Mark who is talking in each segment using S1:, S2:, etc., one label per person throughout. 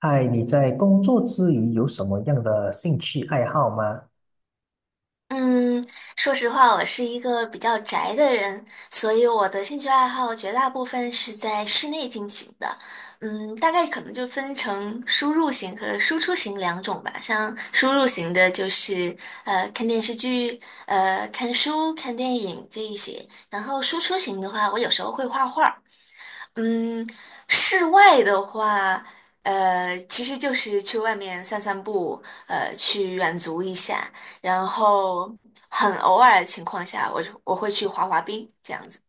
S1: 嗨，你在工作之余有什么样的兴趣爱好吗？
S2: 嗯，说实话，我是一个比较宅的人，所以我的兴趣爱好绝大部分是在室内进行的。嗯，大概可能就分成输入型和输出型两种吧。像输入型的，就是看电视剧、看书、看电影这一些。然后输出型的话，我有时候会画画。嗯，室外的话，其实就是去外面散散步，去远足一下，然后很偶尔的情况下，我会去滑滑冰这样子。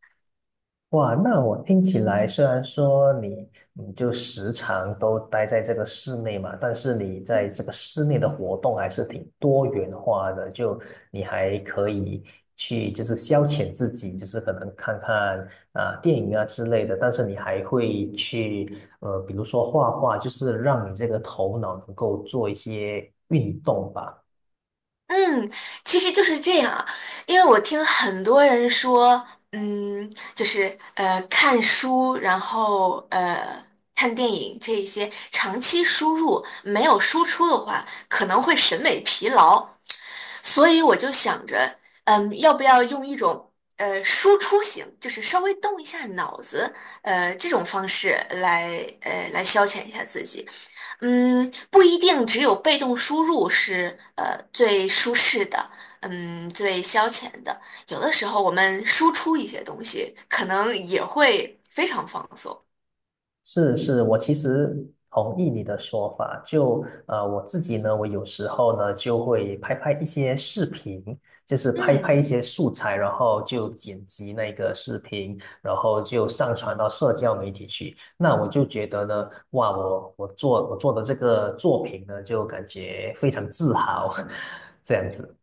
S1: 哇，那我听起来虽然说你就时常都待在这个室内嘛，但是你在这个室内的活动还是挺多元化的，就你还可以去就是消遣自己，就是可能看看啊、电影啊之类的，但是你还会去比如说画画，就是让你这个头脑能够做一些运动吧。
S2: 嗯，其实就是这样啊，因为我听很多人说，嗯，就是看书，然后看电影这一些长期输入没有输出的话，可能会审美疲劳，所以我就想着，嗯，要不要用一种输出型，就是稍微动一下脑子，这种方式来来消遣一下自己。嗯，不一定只有被动输入是最舒适的，嗯，最消遣的。有的时候我们输出一些东西，可能也会非常放松。
S1: 是是，我其实同意你的说法。就我自己呢，我有时候呢就会拍拍一些视频，就是拍拍一
S2: 嗯。
S1: 些素材，然后就剪辑那个视频，然后就上传到社交媒体去。那我就觉得呢，哇，我做的这个作品呢，就感觉非常自豪。这样子。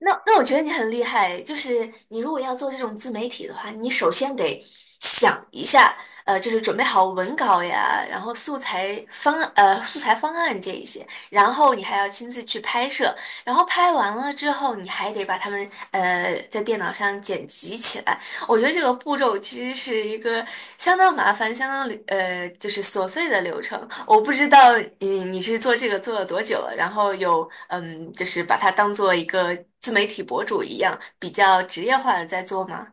S2: 那我觉得你很厉害，就是你如果要做这种自媒体的话，你首先得想一下，就是准备好文稿呀，然后素材方案这一些，然后你还要亲自去拍摄，然后拍完了之后，你还得把它们在电脑上剪辑起来，我觉得这个步骤其实是一个相当麻烦、相当，就是琐碎的流程。我不知道你是做这个做了多久了，然后就是把它当做一个自媒体博主一样，比较职业化的在做吗？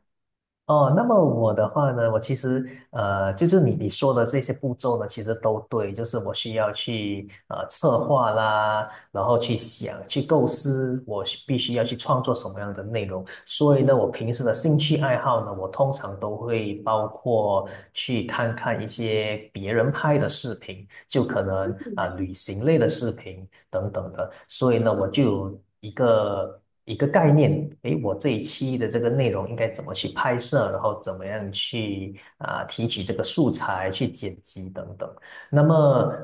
S1: 哦，那么我的话呢，我其实就是你说的这些步骤呢，其实都对，就是我需要去策划啦，然后去想、去构思，我必须要去创作什么样的内容。所以呢，我平时的兴趣爱好呢，我通常都会包括去看看一些别人拍的视频，就可能啊、旅行类的视频等等的。所以呢，我就有一个概念。诶，我这一期的这个内容应该怎么去拍摄，然后怎么样去啊、提取这个素材，去剪辑等等。那么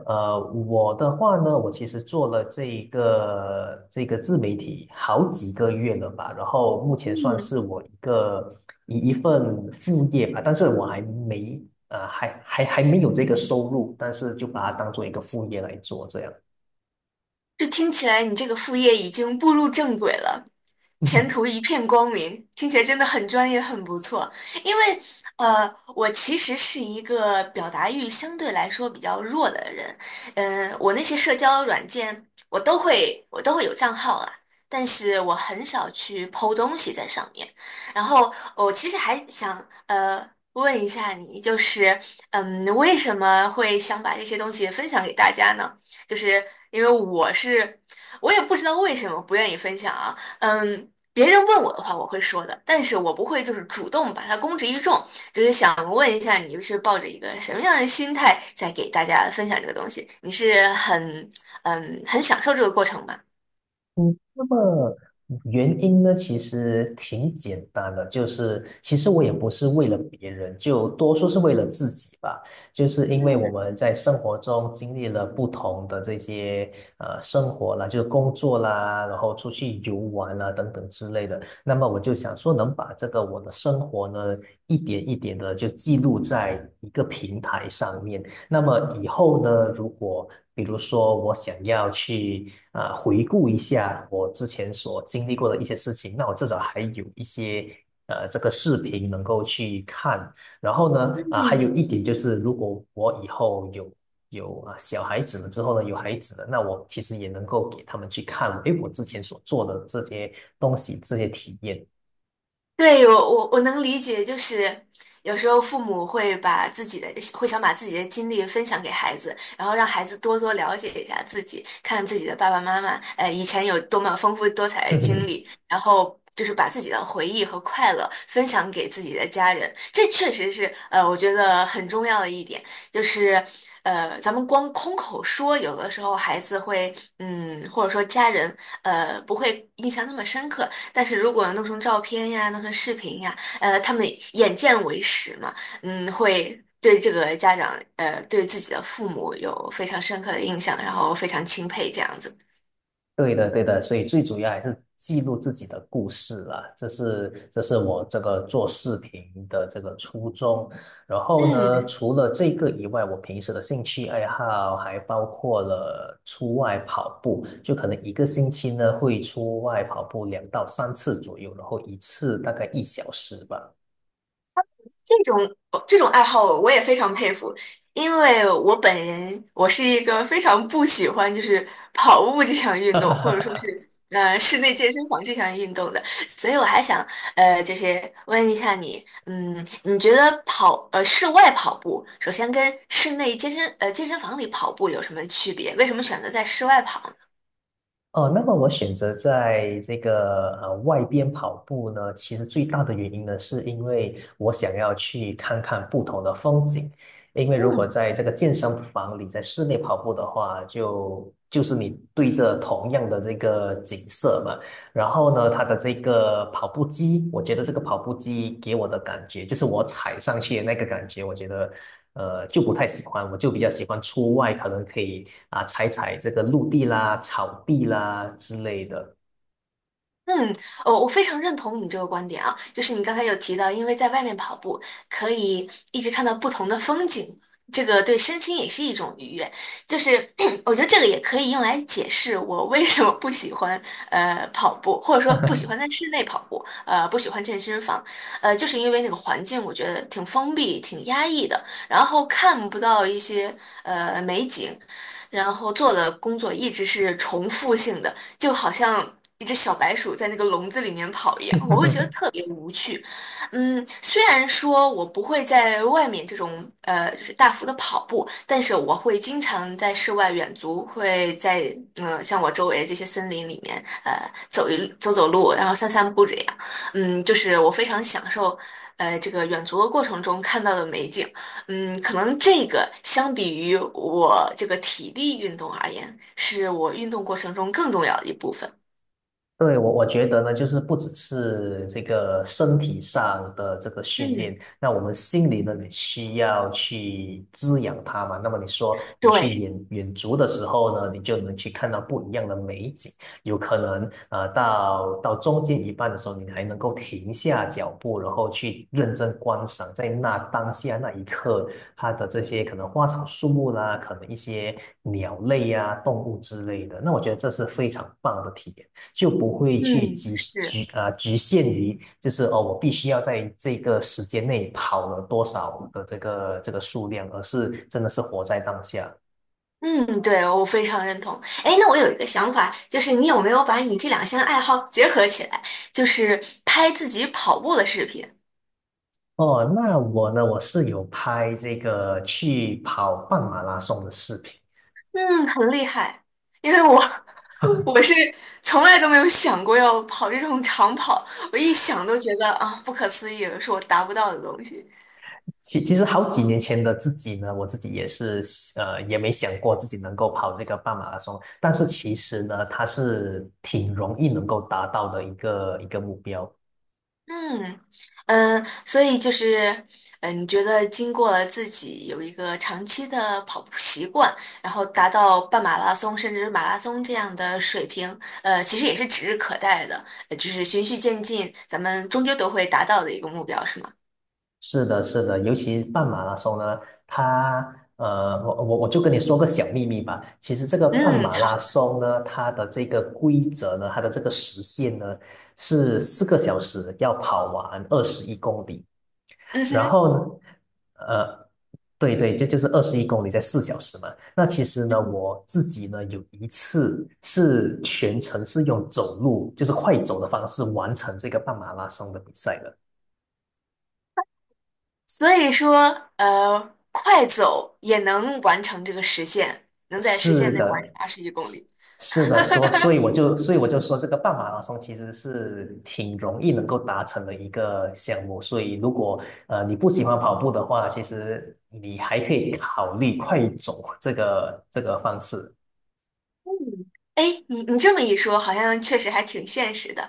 S1: 呃，我的话呢，我其实做了这个自媒体好几个月了吧，然后目前算是
S2: 嗯。
S1: 我一个一份副业吧，但是我还没有这个收入，但是就把它当做一个副业来做这样。
S2: 就听起来你这个副业已经步入正轨了，前 途一片光明，听起来真的很专业，很不错。因为我其实是一个表达欲相对来说比较弱的人，嗯、我那些社交软件我都会有账号啊，但是我很少去 po 东西在上面。然后我其实还想问一下你，就是嗯，为什么会想把这些东西分享给大家呢？就是因为我是，我也不知道为什么不愿意分享啊。嗯，别人问我的话，我会说的，但是我不会就是主动把它公之于众。就是想问一下，你是抱着一个什么样的心态在给大家分享这个东西？你是很嗯很享受这个过程吧？
S1: 嗯，那么原因呢，其实挺简单的，就是其实我也不是为了别人，就多数是为了自己吧。就是因为我
S2: 嗯。
S1: 们在生活中经历了不同的这些生活啦，就是工作啦，然后出去游玩啦等等之类的。那么我就想说，能把这个我的生活呢，一点一点的就记录在一个平台上面。那么以后呢，如果比如说我想要去啊、回顾一下我之前所经历过的一些事情，那我至少还有一些这个视频能够去看。然后呢，啊、还有
S2: 嗯，
S1: 一点就是，如果我以后有啊小孩子了之后呢，有孩子了，那我其实也能够给他们去看。诶，我之前所做的这些东西，这些体验。
S2: 对，我能理解，就是有时候父母会把自己的会想把自己的经历分享给孩子，然后让孩子多多了解一下自己，看自己的爸爸妈妈，以前有多么丰富多彩的经 历，然后就是把自己的回忆和快乐分享给自己的家人，这确实是我觉得很重要的一点，就是咱们光空口说，有的时候孩子会嗯，或者说家人，不会印象那么深刻。但是如果弄成照片呀，弄成视频呀，他们眼见为实嘛，嗯，会对这个家长，对自己的父母有非常深刻的印象，然后非常钦佩这样子。
S1: 对的，对的，所以最主要还是记录自己的故事啦，这是我这个做视频的这个初衷。然后呢，
S2: 嗯，
S1: 除了这个以外，我平时的兴趣爱好还包括了出外跑步，就可能一个星期呢会出外跑步2 到 3 次左右，然后一次大概1 小时吧。
S2: 这种这种爱好我也非常佩服，因为我本人是一个非常不喜欢就是跑步这项运动，或者说 是室内健身房这项运动的，所以我还想就是问一下你，嗯，你觉得室外跑步，首先跟室内健身呃健身房里跑步有什么区别？为什么选择在室外跑呢？
S1: 哦，那么我选择在这个外边跑步呢，其实最大的原因呢，是因为我想要去看看不同的风景。因为如果
S2: 嗯。
S1: 在这个健身房里，在室内跑步的话，就是你对着同样的这个景色嘛。然后呢，它的这个跑步机，我觉得这个跑步机给我的感觉，就是我踩上去的那个感觉，我觉得就不太喜欢，我就比较喜欢出外，可能可以啊踩踩这个陆地啦、草地啦之类的。
S2: 嗯，我非常认同你这个观点啊，就是你刚才有提到，因为在外面跑步可以一直看到不同的风景，这个对身心也是一种愉悦。就是 我觉得这个也可以用来解释我为什么不喜欢跑步，或者说不喜欢在室内跑步，不喜欢健身房，就是因为那个环境我觉得挺封闭、挺压抑的，然后看不到一些美景，然后做的工作一直是重复性的。就好像一只小白鼠在那个笼子里面跑一样，我会觉得 特别无趣。嗯，虽然说我不会在外面这种就是大幅的跑步，但是我会经常在室外远足，会在嗯、像我周围这些森林里面走一走走路，然后散散步这样。嗯，就是我非常享受这个远足的过程中看到的美景。嗯，可能这个相比于我这个体力运动而言，是我运动过程中更重要的一部分。
S1: 对，我觉得呢，就是不只是这个身体上的这个训练，
S2: 嗯，
S1: 那我们心里呢也需要去滋养它嘛。那么你说你去
S2: 对，
S1: 远足的时候呢，你就能去看到不一样的美景，有可能到中间一半的时候，你还能够停下脚步，然后去认真观赏，在那当下那一刻，它的这些可能花草树木啦，可能一些鸟类呀、动物之类的，那我觉得这是非常棒的体验。就不会去
S2: 嗯，
S1: 局
S2: 是，
S1: 局呃局限于，就是哦，我必须要在这个时间内跑了多少的这个数量，而是真的是活在当下。
S2: 嗯，对，我非常认同。哎，那我有一个想法，就是你有没有把你这两项爱好结合起来，就是拍自己跑步的视频？
S1: 哦，那我呢，我是有拍这个去跑半马拉松的视频。
S2: 嗯，很厉害，因为我 我是从来都没有想过要跑这种长跑，我一想都觉得啊，不可思议，是我达不到的东西。
S1: 其实好几年前的自己呢，我自己也是也没想过自己能够跑这个半马拉松，但是其实呢，它是挺容易能够达到的一个目标。
S2: 嗯。嗯，所以就是，嗯，你觉得经过了自己有一个长期的跑步习惯，然后达到半马拉松甚至是马拉松这样的水平，其实也是指日可待的，就是循序渐进，咱们终究都会达到的一个目标，是吗？
S1: 是的，是的，尤其半马拉松呢，它我就跟你说个小秘密吧。其实这个半
S2: 嗯，
S1: 马拉
S2: 好，
S1: 松呢，它的这个规则呢，它的这个时限呢是4 个小时要跑完二十一公里。
S2: 嗯
S1: 然
S2: 哼，
S1: 后呢，呃，对对，这就是二十一公里在4 小时嘛。那其实呢，
S2: 嗯，
S1: 我自己呢有一次是全程是用走路，就是快走的方式完成这个半马拉松的比赛的。
S2: 所以说，快走也能完成这个实现，能在时
S1: 是
S2: 限内完成
S1: 的，
S2: 二十一公
S1: 是
S2: 里。
S1: 是的，所以我就说这个半马拉松其实是挺容易能够达成的一个项目，所以如果你不喜欢跑步的话，其实你还可以考虑快走这个方式。
S2: 哎，你你这么一说，好像确实还挺现实的。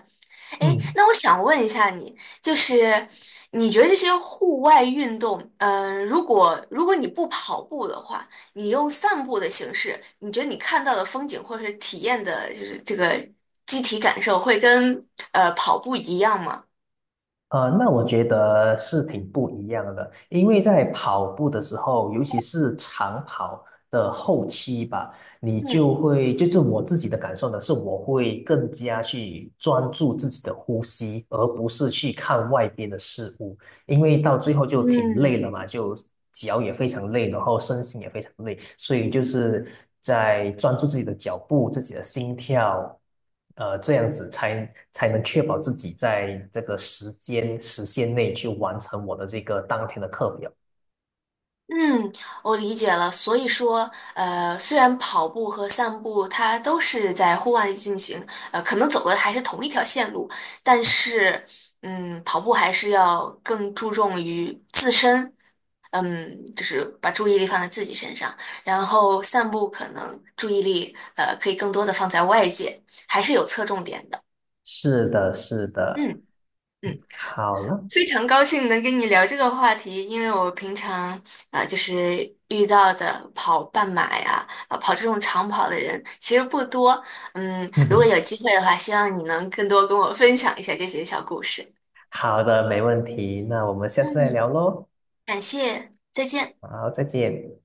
S2: 哎，
S1: 嗯。
S2: 那我想问一下你，就是你觉得这些户外运动，嗯、如果你不跑步的话，你用散步的形式，你觉得你看到的风景或者是体验的，就是这个机体感受，会跟跑步一样吗？
S1: 那我觉得是挺不一样的，因为在跑步的时候，尤其是长跑的后期吧，你就
S2: 嗯。
S1: 会，就是我自己的感受呢，是我会更加去专注自己的呼吸，而不是去看外边的事物。因为到最后就挺累
S2: 嗯，
S1: 了嘛，就脚也非常累，然后身心也非常累，所以就是在专注自己的脚步、自己的心跳，这样子才能确保自己在这个时间时限内去完成我的这个当天的课表。
S2: 嗯，我理解了。所以说，虽然跑步和散步它都是在户外进行，可能走的还是同一条线路，但是，嗯，跑步还是要更注重于自身，嗯，就是把注意力放在自己身上，然后散步可能注意力，可以更多的放在外界，还是有侧重点的。
S1: 是的，是的，
S2: 嗯。嗯。
S1: 好了。
S2: 非常高兴能跟你聊这个话题，因为我平常啊、就是遇到的跑半马呀，啊、跑这种长跑的人其实不多。嗯，如果有 机会的话，希望你能更多跟我分享一下这些小故事。
S1: 好的，没问题，那我们下次再聊
S2: 嗯，
S1: 喽。
S2: 感谢，再见。
S1: 好，再见。